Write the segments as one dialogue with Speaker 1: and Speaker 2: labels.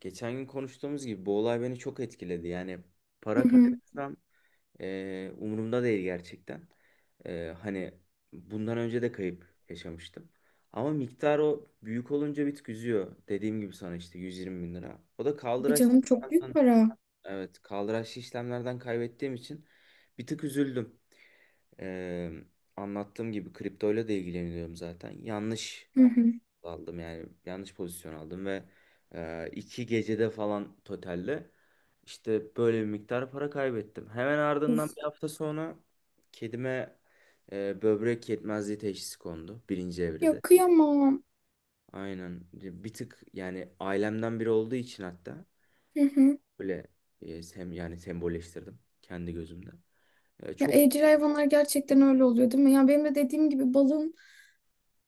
Speaker 1: Geçen gün konuştuğumuz gibi bu olay beni çok etkiledi. Yani para
Speaker 2: Hı hı.
Speaker 1: kaybetsem umurumda değil gerçekten. Hani bundan önce de kayıp yaşamıştım. Ama miktar o büyük olunca bir tık üzüyor. Dediğim gibi sana işte 120 bin lira. O da
Speaker 2: Tabii
Speaker 1: kaldıraçlı
Speaker 2: canım, çok büyük
Speaker 1: işlemden,
Speaker 2: para.
Speaker 1: evet kaldıraçlı işlemlerden kaybettiğim için bir tık üzüldüm. E, Anlattığım gibi kriptoyla da ilgileniyorum zaten. Yanlış
Speaker 2: Hı hı.
Speaker 1: aldım, yani yanlış pozisyon aldım ve iki gecede falan totalde işte böyle bir miktar para kaybettim. Hemen ardından
Speaker 2: Of.
Speaker 1: bir hafta sonra kedime böbrek yetmezliği teşhisi kondu, birinci
Speaker 2: Ya
Speaker 1: evrede.
Speaker 2: kıyamam.
Speaker 1: Aynen, bir tık yani ailemden biri olduğu için hatta
Speaker 2: Hı hı.
Speaker 1: böyle e, sem yani sembolleştirdim kendi gözümde. E,
Speaker 2: Ya
Speaker 1: çok
Speaker 2: evcil hayvanlar gerçekten öyle oluyor değil mi? Ya benim de dediğim gibi balım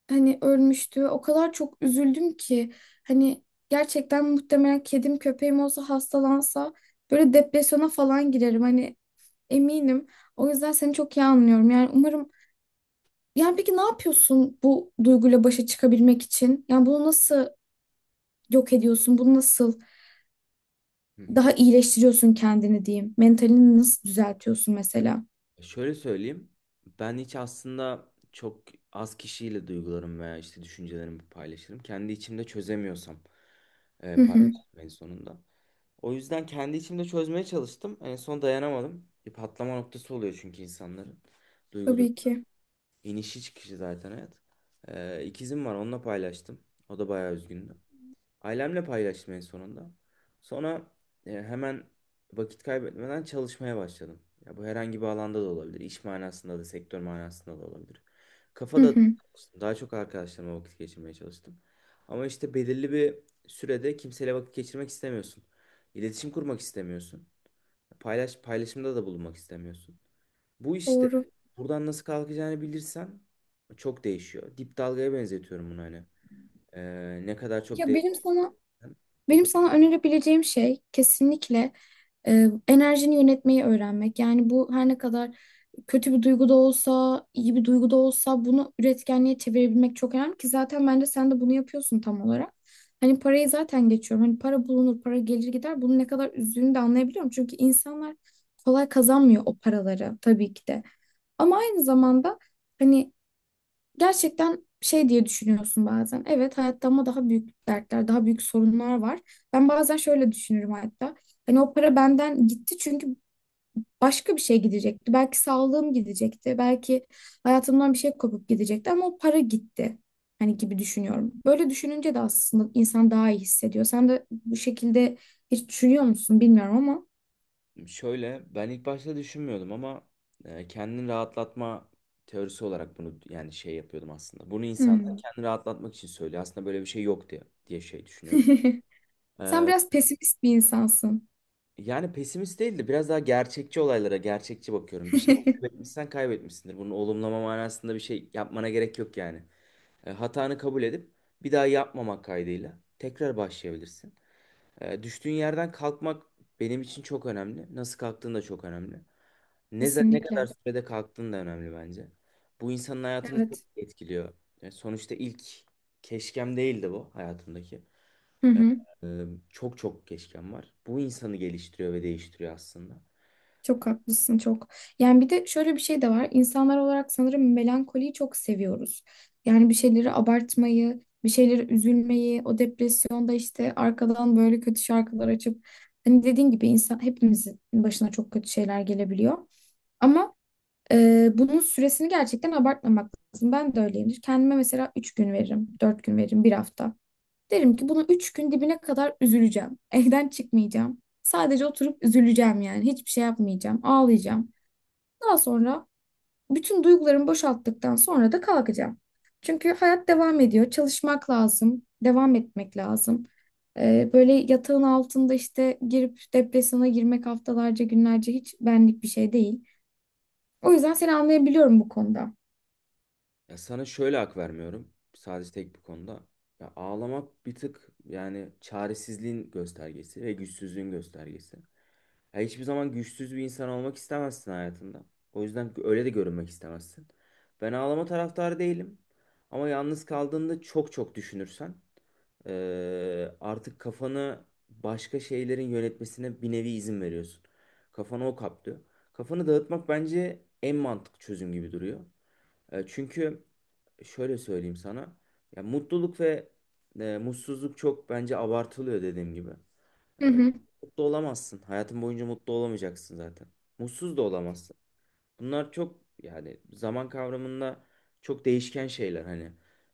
Speaker 2: ölmüştü. O kadar çok üzüldüm ki hani gerçekten muhtemelen kedim köpeğim olsa hastalansa böyle depresyona falan girerim. Hani eminim. O yüzden seni çok iyi anlıyorum. Yani umarım, yani peki ne yapıyorsun bu duyguyla başa çıkabilmek için? Yani bunu nasıl yok ediyorsun? Bunu nasıl
Speaker 1: Hı hı.
Speaker 2: daha iyileştiriyorsun kendini diyeyim. Mentalini nasıl düzeltiyorsun mesela?
Speaker 1: Şöyle söyleyeyim. Ben hiç aslında çok az kişiyle duygularım veya işte düşüncelerimi paylaşırım. Kendi içimde çözemiyorsam
Speaker 2: Hı hı.
Speaker 1: paylaşırım en sonunda. O yüzden kendi içimde çözmeye çalıştım. En son dayanamadım. Bir patlama noktası oluyor çünkü insanların. Duygu durum.
Speaker 2: Tabii ki.
Speaker 1: İnişi çıkışı zaten hayat. İkizim var, onunla paylaştım. O da bayağı üzgündü. Ailemle paylaştım en sonunda. Sonra hemen vakit kaybetmeden çalışmaya başladım. Ya bu herhangi bir alanda da olabilir. İş manasında da, sektör manasında da olabilir.
Speaker 2: Hı
Speaker 1: Kafada
Speaker 2: hı.
Speaker 1: daha çok arkadaşlarıma vakit geçirmeye çalıştım. Ama işte belirli bir sürede kimseyle vakit geçirmek istemiyorsun. İletişim kurmak istemiyorsun. Paylaşımda da bulunmak istemiyorsun. Bu işte
Speaker 2: Doğru.
Speaker 1: buradan nasıl kalkacağını bilirsen çok değişiyor. Dip dalgaya benzetiyorum bunu hani. Ne kadar çok
Speaker 2: Ya benim
Speaker 1: değersen
Speaker 2: sana
Speaker 1: o
Speaker 2: Benim
Speaker 1: kadar.
Speaker 2: sana önerebileceğim şey kesinlikle enerjini yönetmeyi öğrenmek. Yani bu her ne kadar kötü bir duygu da olsa, iyi bir duygu da olsa bunu üretkenliğe çevirebilmek çok önemli ki zaten bence sen de bunu yapıyorsun tam olarak. Hani parayı zaten geçiyorum. Hani para bulunur, para gelir gider. Bunun ne kadar üzdüğünü de anlayabiliyorum. Çünkü insanlar kolay kazanmıyor o paraları tabii ki de. Ama aynı zamanda hani gerçekten şey diye düşünüyorsun bazen. Evet, hayatta ama daha büyük dertler, daha büyük sorunlar var. Ben bazen şöyle düşünürüm hatta. Hani o para benden gitti çünkü başka bir şey gidecekti. Belki sağlığım gidecekti. Belki hayatımdan bir şey kopup gidecekti ama o para gitti. Hani gibi düşünüyorum. Böyle düşününce de aslında insan daha iyi hissediyor. Sen de bu şekilde hiç düşünüyor musun bilmiyorum ama.
Speaker 1: Şöyle, ben ilk başta düşünmüyordum ama kendini rahatlatma teorisi olarak bunu yani şey yapıyordum aslında. Bunu insanlar
Speaker 2: Hmm.
Speaker 1: kendini rahatlatmak için söylüyor. Aslında böyle bir şey yok diye şey düşünüyordum.
Speaker 2: Sen
Speaker 1: E,
Speaker 2: biraz pesimist bir insansın.
Speaker 1: Yani pesimist değil de biraz daha gerçekçi, olaylara gerçekçi bakıyorum. Bir şey kaybetmişsen kaybetmişsindir. Bunu olumlama manasında bir şey yapmana gerek yok yani. Hatanı kabul edip bir daha yapmamak kaydıyla tekrar başlayabilirsin. Düştüğün yerden kalkmak benim için çok önemli. Nasıl kalktığın da çok önemli. Ne kadar
Speaker 2: Kesinlikle.
Speaker 1: sürede kalktığın da önemli bence. Bu insanın hayatını çok
Speaker 2: Evet.
Speaker 1: etkiliyor. Yani sonuçta ilk keşkem değildi bu hayatımdaki.
Speaker 2: Hı hı.
Speaker 1: Ee, Çok çok keşkem var. Bu insanı geliştiriyor ve değiştiriyor aslında.
Speaker 2: Çok haklısın, çok. Yani bir de şöyle bir şey de var. İnsanlar olarak sanırım melankoliyi çok seviyoruz. Yani bir şeyleri abartmayı, bir şeyleri üzülmeyi, o depresyonda işte arkadan böyle kötü şarkılar açıp hani dediğin gibi insan, hepimizin başına çok kötü şeyler gelebiliyor. Ama bunun süresini gerçekten abartmamak lazım. Ben de öyleyimdir. Kendime mesela 3 gün veririm, 4 gün veririm, bir hafta. Derim ki bunu üç gün dibine kadar üzüleceğim. Evden çıkmayacağım. Sadece oturup üzüleceğim yani. Hiçbir şey yapmayacağım. Ağlayacağım. Daha sonra bütün duygularımı boşalttıktan sonra da kalkacağım. Çünkü hayat devam ediyor. Çalışmak lazım. Devam etmek lazım. Böyle yatağın altında işte girip depresyona girmek haftalarca, günlerce hiç benlik bir şey değil. O yüzden seni anlayabiliyorum bu konuda.
Speaker 1: Ya sana şöyle hak vermiyorum. Sadece tek bir konuda. Ya ağlamak bir tık yani çaresizliğin göstergesi ve güçsüzlüğün göstergesi. Ya hiçbir zaman güçsüz bir insan olmak istemezsin hayatında. O yüzden öyle de görünmek istemezsin. Ben ağlama taraftarı değilim. Ama yalnız kaldığında çok çok düşünürsen artık kafanı başka şeylerin yönetmesine bir nevi izin veriyorsun. Kafanı o kaplıyor. Kafanı dağıtmak bence en mantıklı çözüm gibi duruyor. Çünkü şöyle söyleyeyim sana. Ya mutluluk ve mutsuzluk çok bence abartılıyor, dediğim gibi.
Speaker 2: Hı
Speaker 1: Ee,
Speaker 2: hı,
Speaker 1: Mutlu olamazsın. Hayatın boyunca mutlu olamayacaksın zaten. Mutsuz da olamazsın. Bunlar çok, yani zaman kavramında çok değişken şeyler hani.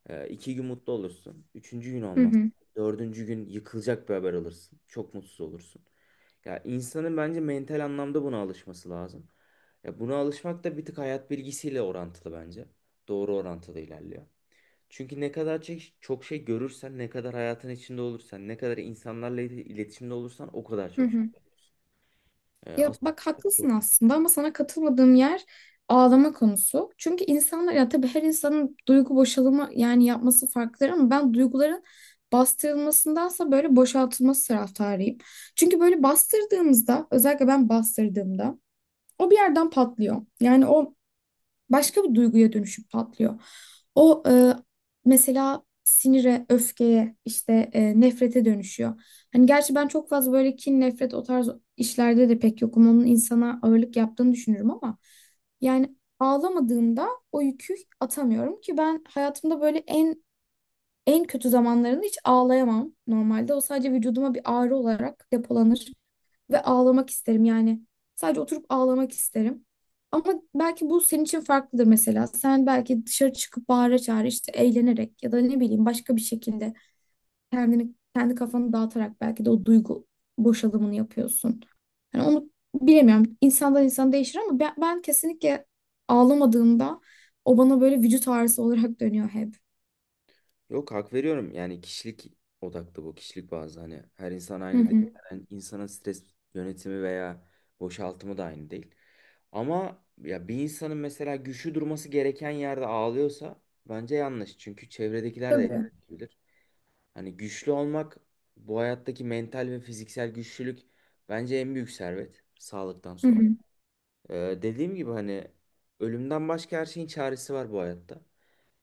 Speaker 1: İki gün mutlu olursun. Üçüncü gün
Speaker 2: hı
Speaker 1: olmaz.
Speaker 2: hı,
Speaker 1: Dördüncü gün yıkılacak bir haber alırsın. Çok mutsuz olursun. Ya insanın bence mental anlamda buna alışması lazım. Ya buna alışmak da bir tık hayat bilgisiyle orantılı bence. Doğru orantılı ilerliyor. Çünkü ne kadar çok şey görürsen, ne kadar hayatın içinde olursan, ne kadar insanlarla iletişimde olursan o kadar
Speaker 2: hı
Speaker 1: çok şey.
Speaker 2: hı.
Speaker 1: Ee,
Speaker 2: Ya
Speaker 1: as-
Speaker 2: bak haklısın aslında ama sana katılmadığım yer ağlama konusu. Çünkü insanlar, ya tabii her insanın duygu boşalımı yani yapması farklıdır ama ben duyguların bastırılmasındansa böyle boşaltılması taraftarıyım. Çünkü böyle bastırdığımızda, özellikle ben bastırdığımda, o bir yerden patlıyor. Yani o başka bir duyguya dönüşüp patlıyor. O e, Mesela sinire, öfkeye, işte nefrete dönüşüyor. Hani gerçi ben çok fazla böyle kin, nefret, o tarz işlerde de pek yokum. Onun insana ağırlık yaptığını düşünürüm ama yani ağlamadığımda o yükü atamıyorum ki. Ben hayatımda böyle en kötü zamanlarında hiç ağlayamam normalde. O sadece vücuduma bir ağrı olarak depolanır ve ağlamak isterim yani. Sadece oturup ağlamak isterim. Ama belki bu senin için farklıdır mesela. Sen belki dışarı çıkıp bağıra çağıra işte eğlenerek ya da ne bileyim başka bir şekilde kendini kendi kafanı dağıtarak belki de o duygu boşalımını yapıyorsun. Yani onu bilemiyorum. İnsandan insan değişir ama ben kesinlikle ağlamadığımda o bana böyle vücut ağrısı olarak dönüyor hep.
Speaker 1: Yok, hak veriyorum. Yani kişilik odaklı bu. Kişilik bazlı, hani her insan aynı
Speaker 2: Hı
Speaker 1: değil.
Speaker 2: hı.
Speaker 1: Yani insanın stres yönetimi veya boşaltımı da aynı değil. Ama ya bir insanın mesela güçlü durması gereken yerde ağlıyorsa bence yanlış. Çünkü çevredekiler de
Speaker 2: Tabii.
Speaker 1: etkileyebilir. Hani güçlü olmak, bu hayattaki mental ve fiziksel güçlülük bence en büyük servet sağlıktan
Speaker 2: Hı
Speaker 1: sonra.
Speaker 2: hı.
Speaker 1: Dediğim gibi hani ölümden başka her şeyin çaresi var bu hayatta.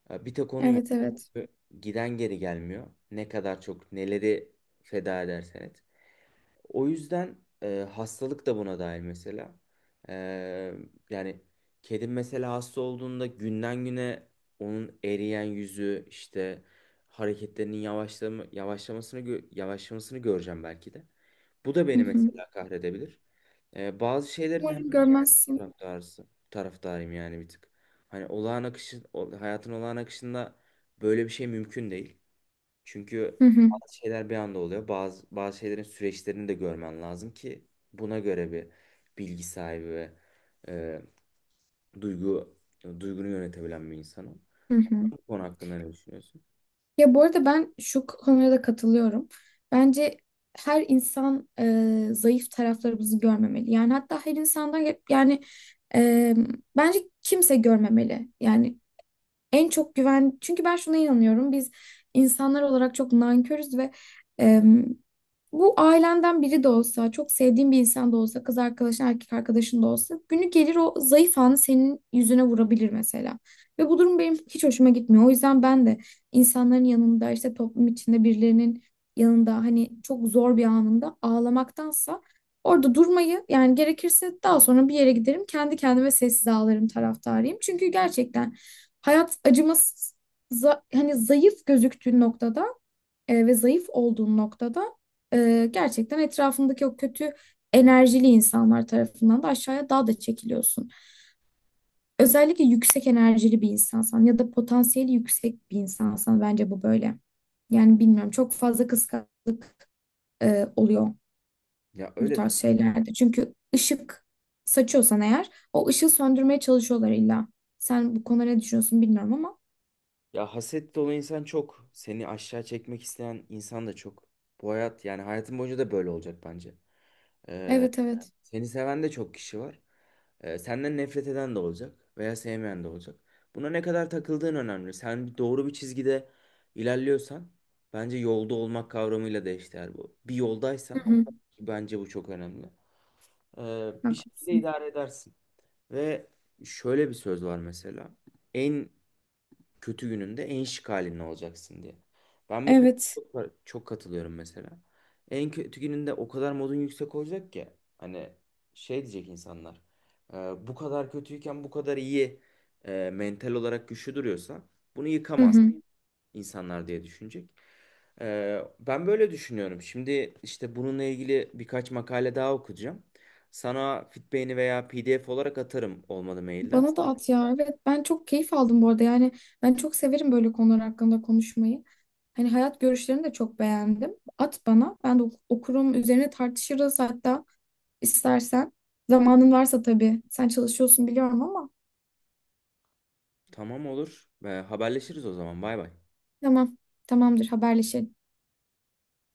Speaker 1: Ya bir tek onun yok.
Speaker 2: Evet, evet.
Speaker 1: Giden geri gelmiyor. Ne kadar çok neleri feda edersen et. O yüzden hastalık da buna dahil mesela. E, Yani kedim mesela hasta olduğunda günden güne onun eriyen yüzü, işte hareketlerinin yavaşlamasını yavaşlamasını göreceğim belki de. Bu da
Speaker 2: Hı
Speaker 1: beni
Speaker 2: hı.
Speaker 1: mesela kahredebilir. Bazı şeylerin hem
Speaker 2: Umarım görmezsin.
Speaker 1: taraftarıyım yani bir tık. Hayatın olağan akışında böyle bir şey mümkün değil. Çünkü
Speaker 2: Hı hı.
Speaker 1: bazı şeyler bir anda oluyor. Bazı şeylerin süreçlerini de görmen lazım ki buna göre bir bilgi sahibi ve e, duygu duygunu yönetebilen bir insan ol.
Speaker 2: Hı hı.
Speaker 1: Bu konu hakkında ne düşünüyorsun?
Speaker 2: Ya bu arada ben şu konuya da katılıyorum. Bence her insan, zayıf taraflarımızı görmemeli. Yani hatta her insandan, yani e, bence kimse görmemeli. Yani en çok güven, çünkü ben şuna inanıyorum, biz insanlar olarak çok nankörüz ve em, bu ailenden biri de olsa, çok sevdiğin bir insan da olsa, kız arkadaşın, erkek arkadaşın da olsa, günü gelir o zayıf anı senin yüzüne vurabilir mesela. Ve bu durum benim hiç hoşuma gitmiyor. O yüzden ben de insanların yanında, işte toplum içinde birilerinin yanında hani çok zor bir anında ağlamaktansa orada durmayı, yani gerekirse daha sonra bir yere giderim kendi kendime sessiz ağlarım taraftarıyım. Çünkü gerçekten hayat acımasız. Hani zayıf gözüktüğün noktada ve zayıf olduğun noktada gerçekten etrafındaki o kötü enerjili insanlar tarafından da aşağıya daha da çekiliyorsun. Özellikle yüksek enerjili bir insansan ya da potansiyeli yüksek bir insansan bence bu böyle. Yani bilmiyorum, çok fazla kıskançlık oluyor
Speaker 1: Ya
Speaker 2: bu
Speaker 1: öyle
Speaker 2: tarz
Speaker 1: tabii.
Speaker 2: şeylerde. Çünkü ışık saçıyorsan eğer, o ışığı söndürmeye çalışıyorlar illa. Sen bu konuda ne düşünüyorsun bilmiyorum ama.
Speaker 1: Ya haset dolu insan çok. Seni aşağı çekmek isteyen insan da çok. Bu hayat, yani hayatın boyunca da böyle olacak bence. Ee,
Speaker 2: Evet, evet.
Speaker 1: Seni seven de çok kişi var. Senden nefret eden de olacak veya sevmeyen de olacak. Buna ne kadar takıldığın önemli. Sen doğru bir çizgide ilerliyorsan, bence yolda olmak kavramıyla da eşdeğer bu. Bir
Speaker 2: Hı
Speaker 1: yoldaysan,
Speaker 2: hı.
Speaker 1: ki bence bu çok önemli, bir şekilde
Speaker 2: Haklısın.
Speaker 1: idare edersin. Ve şöyle bir söz var mesela. En kötü gününde en şık halinde olacaksın diye. Ben bu konuda
Speaker 2: Evet.
Speaker 1: çok, çok katılıyorum mesela. En kötü gününde o kadar modun yüksek olacak ki hani şey diyecek insanlar, "E, bu kadar kötüyken bu kadar iyi, mental olarak güçlü duruyorsa bunu
Speaker 2: Hı
Speaker 1: yıkamaz
Speaker 2: hı.
Speaker 1: insanlar" diye düşünecek. Ben böyle düşünüyorum. Şimdi işte bununla ilgili birkaç makale daha okuyacağım. Sana Fitbay'ini veya PDF olarak atarım, olmadı mailden.
Speaker 2: Bana da at ya. Evet, ben çok keyif aldım bu arada. Yani ben çok severim böyle konular hakkında konuşmayı. Hani hayat görüşlerini de çok beğendim. At bana. Ben de okurum. Üzerine tartışırız hatta istersen. Zamanın varsa tabii. Sen çalışıyorsun biliyorum ama.
Speaker 1: Tamam, olur. Haberleşiriz o zaman. Bay bay.
Speaker 2: Tamam. Tamamdır. Haberleşelim.